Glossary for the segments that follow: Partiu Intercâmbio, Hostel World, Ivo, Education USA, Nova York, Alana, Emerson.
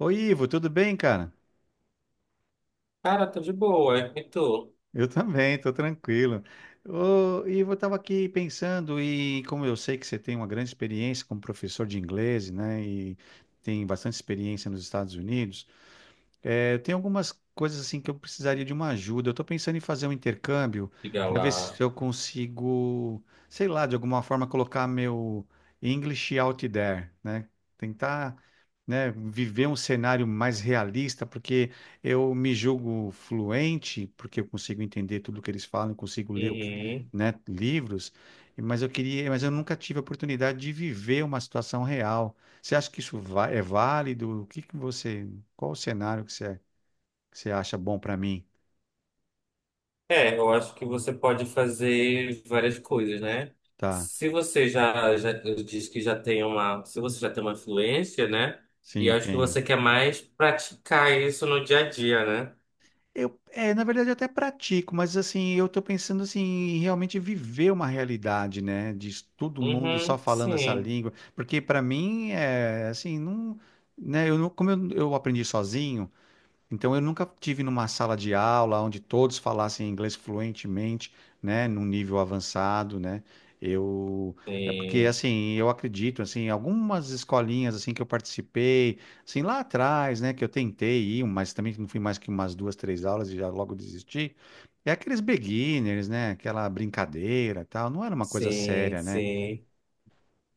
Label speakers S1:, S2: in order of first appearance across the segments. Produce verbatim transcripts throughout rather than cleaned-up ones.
S1: Oi, Ivo, tudo bem, cara?
S2: Cara, tá de boa. E tu?
S1: Eu também, tô tranquilo. Ô, Ivo, eu tava aqui pensando e como eu sei que você tem uma grande experiência como professor de inglês, né, e tem bastante experiência nos Estados Unidos. É, tem algumas coisas assim que eu precisaria de uma ajuda. Eu estou pensando em fazer um intercâmbio
S2: Diga
S1: para ver
S2: lá.
S1: se eu consigo, sei lá, de alguma forma colocar meu English out there, né? Tentar, né, viver um cenário mais realista, porque eu me julgo fluente, porque eu consigo entender tudo que eles falam, consigo ler, o que-
S2: Uhum.
S1: né, livros, mas eu queria, mas eu nunca tive a oportunidade de viver uma situação real. Você acha que isso va- é válido? O que que você Qual o cenário que você, que você acha bom para mim?
S2: É, eu acho que você pode fazer várias coisas, né?
S1: Tá,
S2: Se você já, já diz que já tem uma, se você já tem uma influência, né? E
S1: sim,
S2: acho que
S1: tenho.
S2: você quer mais praticar isso no dia a dia, né?
S1: Eu, é, na verdade, eu até pratico, mas assim, eu tô pensando assim, em realmente viver uma realidade, né? De todo mundo só
S2: Uhum,
S1: falando essa
S2: sim.
S1: língua, porque para mim é assim, não, né? Eu não, como eu, eu aprendi sozinho. Então eu nunca tive numa sala de aula onde todos falassem inglês fluentemente, né, num nível avançado, né? Eu É porque
S2: Sim,
S1: assim, eu acredito assim, algumas escolinhas assim que eu participei, assim lá atrás, né, que eu tentei ir, um, mas também não fui mais que umas duas, três aulas e já logo desisti. É aqueles beginners, né, aquela brincadeira, tal, não era uma coisa
S2: sim,
S1: séria, né?
S2: sim.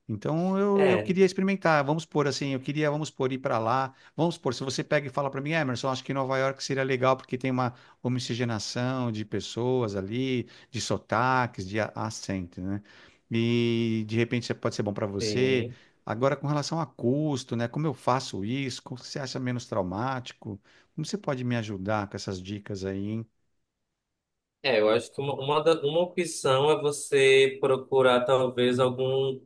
S1: Então eu, eu
S2: É,
S1: queria experimentar. Vamos por assim, eu queria, vamos por ir para lá. Vamos por, se você pega e fala para mim, Emerson, acho que Nova York seria legal porque tem uma homogeneização de pessoas ali, de sotaques, de a- acento, né? E de repente isso pode ser bom para você.
S2: sim.
S1: Agora, com relação a custo, né? Como eu faço isso? Como você acha menos traumático? Como você pode me ajudar com essas dicas aí, hein?
S2: É, eu acho que uma, uma, da- uma opção é você procurar talvez algum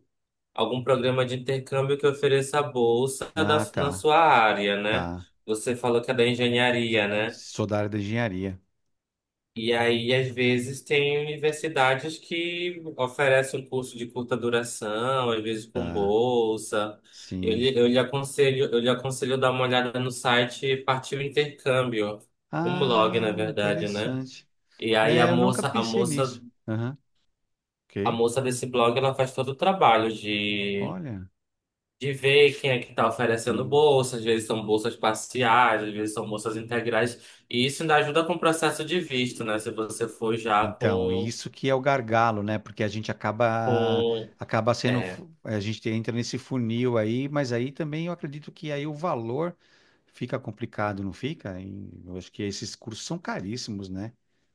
S2: algum programa de intercâmbio que ofereça bolsa da,
S1: Ah,
S2: na
S1: tá,
S2: sua área, né?
S1: tá.
S2: Você falou que é da engenharia, né?
S1: Sou da área da engenharia,
S2: E aí, às vezes, tem universidades que oferecem um curso de curta duração, às vezes com
S1: tá?
S2: bolsa. Eu,
S1: Sim.
S2: lhe- eu lhe aconselho, eu lhe aconselho dar uma olhada no site Partiu Intercâmbio, um blog, na
S1: Ah,
S2: verdade, né?
S1: interessante.
S2: E aí a
S1: É, eu nunca
S2: moça, a
S1: pensei
S2: moça,
S1: nisso. Aham,
S2: a
S1: ok.
S2: moça desse blog, ela faz todo o trabalho de
S1: Olha.
S2: de ver quem é que está oferecendo
S1: Hum.
S2: bolsa, às vezes são bolsas parciais, às vezes são bolsas integrais, e isso ainda ajuda com o processo de visto, né? Se você for já
S1: Então,
S2: com,
S1: isso que é o gargalo, né? Porque a gente acaba
S2: com,
S1: acaba sendo,
S2: é,
S1: fu- a gente entra nesse funil aí, mas aí também eu acredito que aí o valor fica complicado, não fica? E eu acho que esses cursos são caríssimos, né?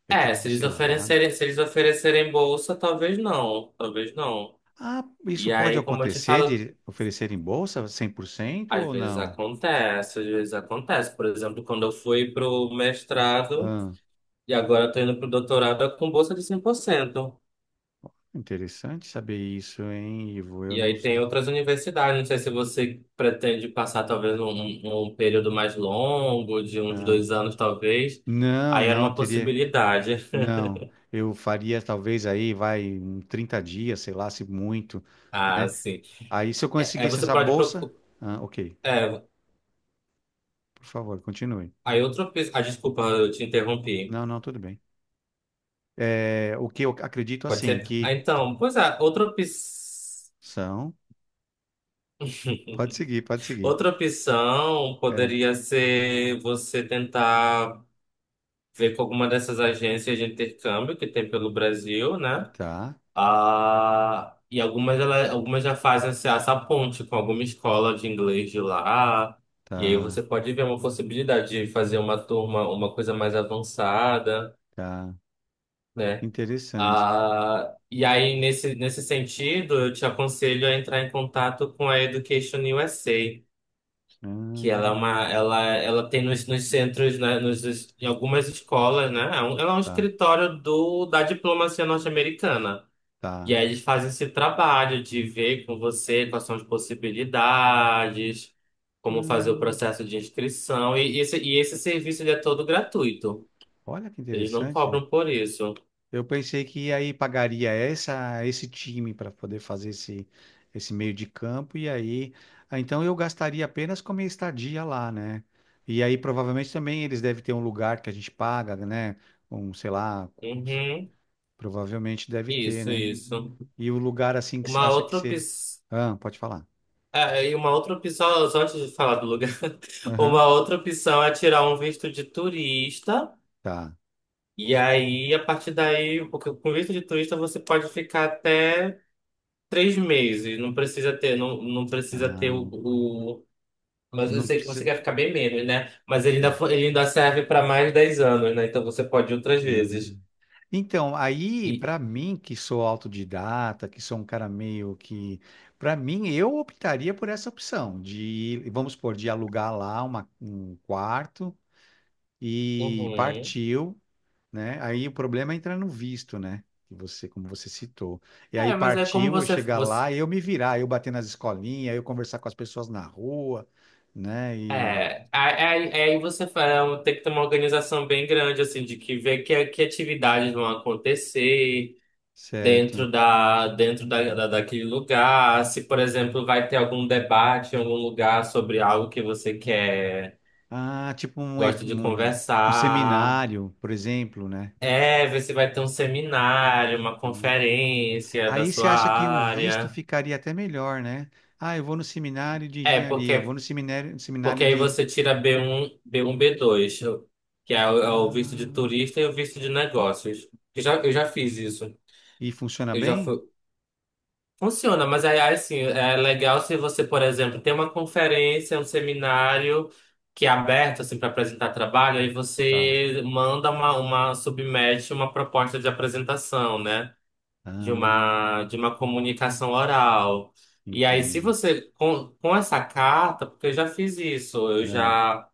S1: Eu tenho
S2: é, se eles
S1: observado.
S2: oferecerem, se eles oferecerem bolsa, talvez não, talvez não.
S1: Ah, isso
S2: E
S1: pode
S2: aí, como eu te
S1: acontecer
S2: falo,
S1: de oferecer em bolsa cem por cento
S2: às
S1: ou
S2: vezes
S1: não?
S2: acontece, às vezes acontece. Por exemplo, quando eu fui pro mestrado
S1: Ah,
S2: e agora estou indo pro doutorado é com bolsa de cem por cento.
S1: interessante saber isso, hein, Ivo? Eu
S2: E
S1: não.
S2: aí tem outras universidades, não sei se você pretende passar talvez um, um período mais longo, de uns
S1: Tá.
S2: dois anos talvez.
S1: Não,
S2: Aí era
S1: não,
S2: uma
S1: teria.
S2: possibilidade.
S1: Não. Eu faria talvez aí, vai, um trinta dias, sei lá, se muito,
S2: Ah,
S1: né?
S2: sim.
S1: Aí se eu
S2: É, é,
S1: conseguisse
S2: você
S1: essa
S2: pode
S1: bolsa.
S2: procurar.
S1: Ah, ok,
S2: É,
S1: por favor, continue.
S2: aí outra opção. Ah, desculpa, eu te interrompi.
S1: Não, não, tudo bem. É, o que eu acredito
S2: Pode
S1: assim,
S2: ser?
S1: que
S2: Ah, então, pois é, outra opção.
S1: são. Pode seguir, pode seguir.
S2: Outra opção
S1: É,
S2: poderia ser você tentar ver com alguma dessas agências de intercâmbio que tem pelo Brasil, né?
S1: tá,
S2: Ah, e algumas, ela, algumas já fazem essa, essa ponte com alguma escola de inglês de lá. E aí
S1: tá,
S2: você pode ver uma possibilidade de fazer uma turma, uma coisa mais avançada,
S1: tá.
S2: né?
S1: Interessante.
S2: Ah, e aí, nesse, nesse sentido, eu te aconselho a entrar em contato com a Education U S A, que ela é uma,
S1: Hum,
S2: ela, ela tem nos, nos centros, né, nos, em algumas escolas, né? É um- Ela é um
S1: tá,
S2: escritório do, da diplomacia norte-americana. E
S1: tá.
S2: aí eles fazem esse trabalho de ver com você quais são as possibilidades, como fazer o
S1: Hum,
S2: processo de inscrição. E esse, e esse serviço ele é todo gratuito.
S1: olha que
S2: Eles não
S1: interessante.
S2: cobram por isso.
S1: Eu pensei que aí pagaria essa, esse time para poder fazer esse, esse meio de campo, e aí, ah, então eu gastaria apenas com a minha estadia lá, né? E aí provavelmente também eles devem ter um lugar que a gente paga, né? Um, sei lá,
S2: Uhum.
S1: provavelmente deve ter,
S2: Isso,
S1: né?
S2: isso.
S1: E o lugar assim que você
S2: Uma
S1: acha que
S2: outra opção.
S1: seria. Ah, pode falar.
S2: É, e uma outra opção, só antes de falar do lugar,
S1: Aham,
S2: uma outra opção é tirar um visto de turista.
S1: tá.
S2: E aí, a partir daí, porque com visto de turista você pode ficar até três meses, não precisa ter, não, não precisa ter o,
S1: Ah,
S2: o- Mas eu
S1: não
S2: sei que você
S1: precisa.
S2: quer ficar bem menos, né? Mas ele ainda, fo- ele ainda serve para mais de dez anos, né? Então você pode ir outras vezes.
S1: Então, aí,
S2: E,
S1: para mim, que sou autodidata, que sou um cara meio que. Para mim, eu optaria por essa opção de, vamos supor, de alugar lá uma- um quarto e
S2: uhum.
S1: partiu, né? Aí o problema é entrar no visto, né? Que você, como você citou. E aí
S2: É, mas é como
S1: partiu, eu
S2: você.
S1: chegar
S2: você
S1: lá, eu me virar, eu bater nas escolinhas, eu conversar com as pessoas na rua, né? E.
S2: é, aí aí- aí você fa- é um- tem que ter uma organização bem grande, assim, de que ver que, que atividades vão acontecer
S1: Certo.
S2: dentro da, dentro da, da- daquele lugar. Se, por exemplo, vai ter algum debate em algum lugar sobre algo que você quer.
S1: Ah, tipo um,
S2: Gosto
S1: ev-
S2: de
S1: um um
S2: conversar.
S1: seminário, por exemplo, né?
S2: É, ver se vai ter um seminário, uma conferência da
S1: Aí você
S2: sua
S1: acha que o visto
S2: área.
S1: ficaria até melhor, né? Ah, eu vou no seminário de
S2: É,
S1: engenharia, eu vou
S2: porque,
S1: no seminário,
S2: porque
S1: seminário
S2: aí
S1: de.
S2: você tira B um, B um B dois, que é o, é o visto de
S1: Ah,
S2: turista e o visto de negócios. Eu já, eu já fiz isso.
S1: e funciona
S2: Eu já
S1: bem?
S2: fui. Funciona, mas aí aí, assim, é legal se você, por exemplo, tem uma conferência, um seminário que é aberto assim para apresentar trabalho, aí
S1: Tá.
S2: você manda uma, uma submete uma proposta de apresentação, né? de
S1: Ah,
S2: uma, de uma comunicação oral. E aí, se
S1: entenda.
S2: você, com, com essa carta, porque eu já fiz isso, eu
S1: Ah,
S2: já,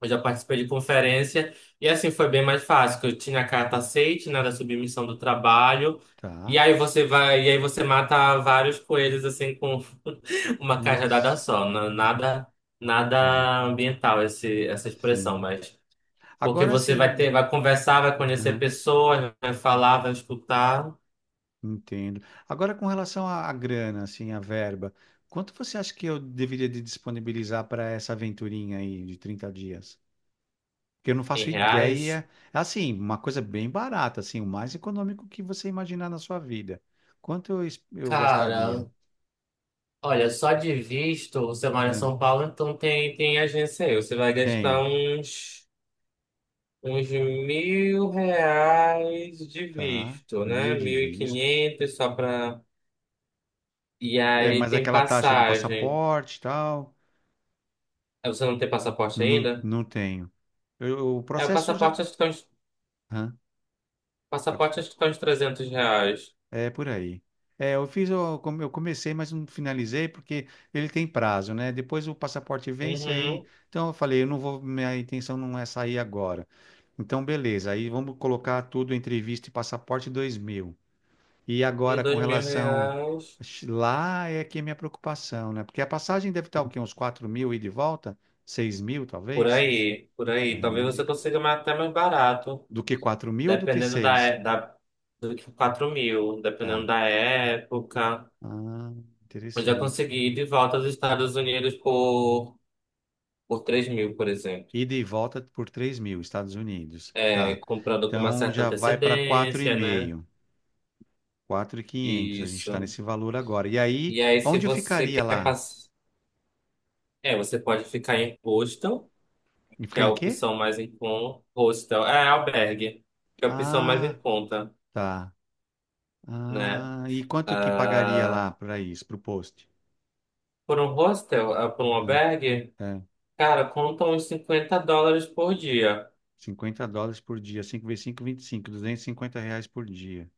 S2: eu já participei de conferência, e assim foi bem mais fácil, que eu tinha a carta aceite, né, da submissão do trabalho, e
S1: tá.
S2: aí você vai, e aí você mata vários coelhos, assim, com uma cajadada
S1: Nossa.
S2: só, na- nada,
S1: Tá.
S2: nada ambiental esse, essa expressão,
S1: Sim.
S2: mas... Porque
S1: Agora
S2: você vai ter,
S1: sim.
S2: vai conversar, vai conhecer
S1: Aham,
S2: pessoas, vai falar, vai escutar
S1: entendo. Agora com relação à, à grana, assim, à verba, quanto você acha que eu deveria de disponibilizar para essa aventurinha aí de trinta dias? Que eu não faço
S2: em reais.
S1: ideia. Assim, uma coisa bem barata, assim, o mais econômico que você imaginar na sua vida. Quanto eu, es- eu gastaria?
S2: Cara, olha, só de visto, você mora em
S1: Ah,
S2: São Paulo, então tem, tem agência aí. Você vai gastar
S1: tenho,
S2: uns, uns mil reais de
S1: tá?
S2: visto,
S1: Mil
S2: né?
S1: de
S2: Mil e
S1: visto.
S2: quinhentos só pra... E
S1: É,
S2: aí
S1: mas
S2: tem
S1: aquela taxa do
S2: passagem.
S1: passaporte e tal,
S2: Aí você não tem passaporte
S1: não,
S2: ainda?
S1: não tenho. Eu- o
S2: É, o
S1: processo já.
S2: passaporte acho que tá uns,
S1: Hã? Pode.
S2: passaporte acho que tá uns trezentos reais.
S1: É por aí. É, eu fiz, eu come- eu comecei, mas não finalizei porque ele tem prazo, né? Depois o passaporte vence aí.
S2: Uhum,
S1: Então eu falei, eu não vou, minha intenção não é sair agora. Então beleza, aí vamos colocar tudo entre visto e passaporte dois mil. E
S2: e
S1: agora com
S2: dois mil
S1: relação
S2: reais.
S1: lá é que é minha preocupação, né? Porque a passagem deve estar o quê? Uns quatro mil e de volta? Seis mil
S2: Por
S1: talvez?
S2: aí, por
S1: É,
S2: aí. Talvez
S1: né? De-
S2: você consiga mais- até mais barato.
S1: do que quatro mil ou do que
S2: Dependendo da,
S1: seis.
S2: é- da, do que quatro mil, dependendo
S1: Tá.
S2: da época.
S1: Ah,
S2: Eu já
S1: interessante.
S2: consegui ir de volta aos Estados Unidos por, por três mil, por exemplo.
S1: Ida e volta por três mil, Estados Unidos.
S2: É,
S1: Tá.
S2: comprando com uma
S1: Então
S2: certa
S1: já vai para quatro, quatro e
S2: antecedência, né?
S1: meio, quatro mil e quinhentos. A gente está
S2: Isso.
S1: nesse valor agora. E aí,
S2: E aí, se
S1: onde eu
S2: você
S1: ficaria
S2: quer
S1: lá?
S2: passar. É, você pode ficar em hostel,
S1: E
S2: que
S1: ficar
S2: é a
S1: em quê?
S2: opção mais em conta. Hostel, é albergue, que é a opção mais em
S1: Ah,
S2: conta,
S1: tá.
S2: né?
S1: Ah, e quanto que pagaria
S2: Ah,
S1: lá para isso, para o post?
S2: por um hostel, ah, por um
S1: É,
S2: albergue.
S1: é,
S2: Cara, conta uns cinquenta dólares por dia.
S1: cinquenta dólares por dia. Cinco vezes cinco. Cinco, vinte e cinco. Duzentos e cinquenta reais por dia.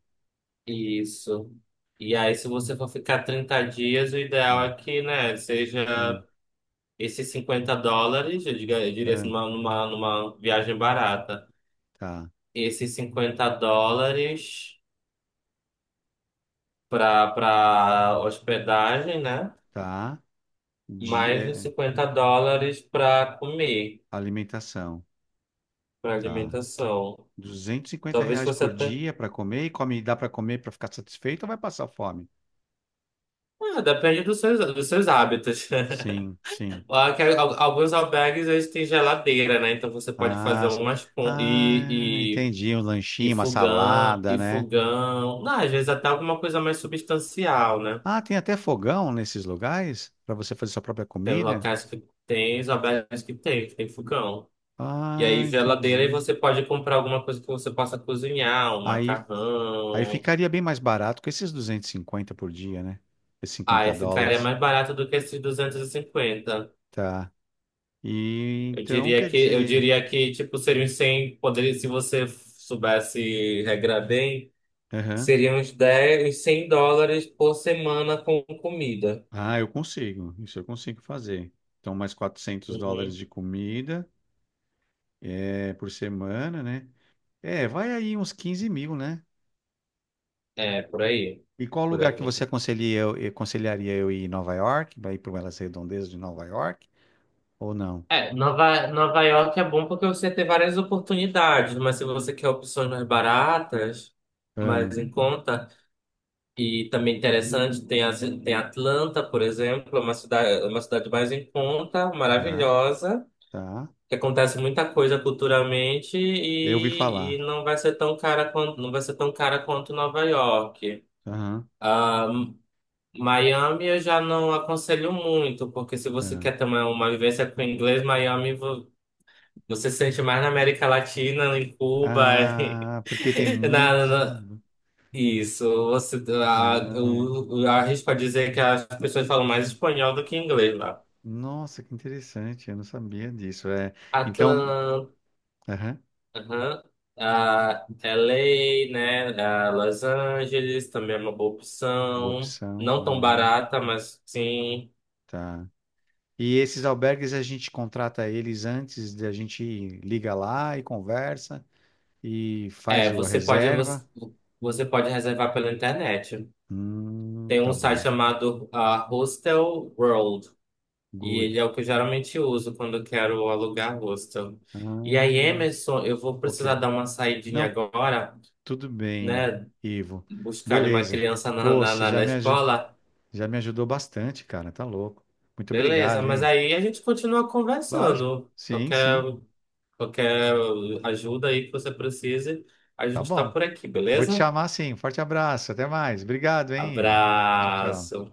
S2: Isso. E aí, se você for ficar trinta dias, o ideal
S1: É,
S2: é que, né, seja
S1: é,
S2: esses cinquenta dólares, eu diga- eu diria assim,
S1: é.
S2: numa, numa, numa viagem barata.
S1: Tá,
S2: Esses cinquenta dólares para para hospedagem, né?
S1: tá. De,
S2: Mais
S1: é,
S2: os
S1: é,
S2: cinquenta dólares para comer,
S1: alimentação.
S2: para
S1: Tá.
S2: alimentação.
S1: duzentos e cinquenta
S2: Talvez
S1: reais
S2: você
S1: por
S2: até.
S1: dia para comer e come, dá para comer para ficar satisfeito ou vai passar fome?
S2: Ah, depende dos seus, dos seus hábitos.
S1: Sim, sim.
S2: Lá que al- Alguns albergues eles têm geladeira, né? Então você pode
S1: Ah,
S2: fazer
S1: s-
S2: umas pon-
S1: ah,
S2: e,
S1: entendi. Um
S2: e, e
S1: lanchinho, uma
S2: fogão,
S1: salada,
S2: e
S1: né?
S2: fogão. Não, às vezes até alguma coisa mais substancial, né?
S1: Ah, tem até fogão nesses lugares para você fazer sua própria
S2: Tem
S1: comida?
S2: locais que tem, os albergues que tem, que tem fogão. E
S1: Ah,
S2: aí geladeira e
S1: entendi.
S2: você pode comprar alguma coisa que você possa cozinhar, um
S1: Aí, aí
S2: macarrão.
S1: ficaria bem mais barato com esses duzentos e cinquenta por dia, né? Esses
S2: Aí
S1: cinquenta
S2: ficaria
S1: dólares.
S2: mais barato do que esses duzentos e cinquenta.
S1: Tá. E
S2: Eu
S1: então,
S2: diria
S1: quer
S2: que eu
S1: dizer.
S2: diria que tipo seria uns cem, poderia se você soubesse regrar bem. Seriam uns dez uns cem dólares por semana com comida.
S1: Ah, eu consigo. Isso eu consigo fazer. Então, mais quatrocentos dólares
S2: Uhum.
S1: de comida, é, por semana, né? É, vai aí uns quinze mil, né?
S2: É, por aí.
S1: E qual
S2: Por
S1: lugar que
S2: aí.
S1: você aconselharia eu, eh, aconselharia eu ir? Em Nova York? Vai ir para elas redondezas de Nova York? Ou não?
S2: É, Nova, Nova York é bom porque você tem várias oportunidades, mas se você quer opções mais baratas,
S1: Ah,
S2: mais em conta, e também interessante, tem, as- tem Atlanta, por exemplo, é uma cidade, uma cidade mais em conta,
S1: tá,
S2: maravilhosa,
S1: tá.
S2: que acontece muita coisa culturalmente
S1: Eu ouvi
S2: e, e
S1: falar.
S2: não vai ser tão cara quanto, não vai ser tão cara quanto Nova York.
S1: Aham,
S2: Ah, Miami eu já não aconselho muito, porque se você
S1: tá.
S2: quer também uma vivência com inglês, Miami vo- você se sente mais na América Latina, em Cuba, e-
S1: Ah, porque tem
S2: na,
S1: muito.
S2: na-
S1: Hum.
S2: isso. Você, a,
S1: Ah, é.
S2: eu, eu arrisco a dizer que as pessoas falam mais espanhol do que inglês lá.
S1: Nossa, que interessante. Eu não sabia disso. É. Então,
S2: Atlanta,
S1: aham,
S2: aham, ah, Los Angeles, né? ah, Los Angeles também é uma boa
S1: boa
S2: opção.
S1: opção.
S2: Não tão
S1: Ah,
S2: barata, mas sim.
S1: tá. E esses albergues a gente contrata eles antes, a gente liga lá e conversa e faz
S2: É,
S1: o- a
S2: você pode você,
S1: reserva.
S2: você pode reservar pela internet.
S1: Hum,
S2: Tem um
S1: tá
S2: site
S1: bom.
S2: chamado ah, Hostel World e
S1: Good.
S2: ele é o que eu geralmente uso quando eu quero alugar hostel. E aí,
S1: Ah,
S2: Emerson, eu vou precisar
S1: ok.
S2: dar uma saidinha
S1: Não,
S2: agora,
S1: tudo bem,
S2: né?
S1: Ivo.
S2: Buscar uma
S1: Beleza.
S2: criança na,
S1: Ô,
S2: na,
S1: você
S2: na,
S1: já
S2: na
S1: me, aju-
S2: escola.
S1: já me ajudou bastante, cara. Tá louco. Muito
S2: Beleza,
S1: obrigado,
S2: mas
S1: hein?
S2: aí a gente continua
S1: Lógico.
S2: conversando.
S1: Sim,
S2: Qualquer,
S1: sim.
S2: qualquer ajuda aí que você precise, a
S1: Tá
S2: gente está
S1: bom.
S2: por aqui,
S1: Vou te
S2: beleza?
S1: chamar sim. Forte abraço. Até mais. Obrigado, hein, Ivo. Tchau, tchau.
S2: Abraço.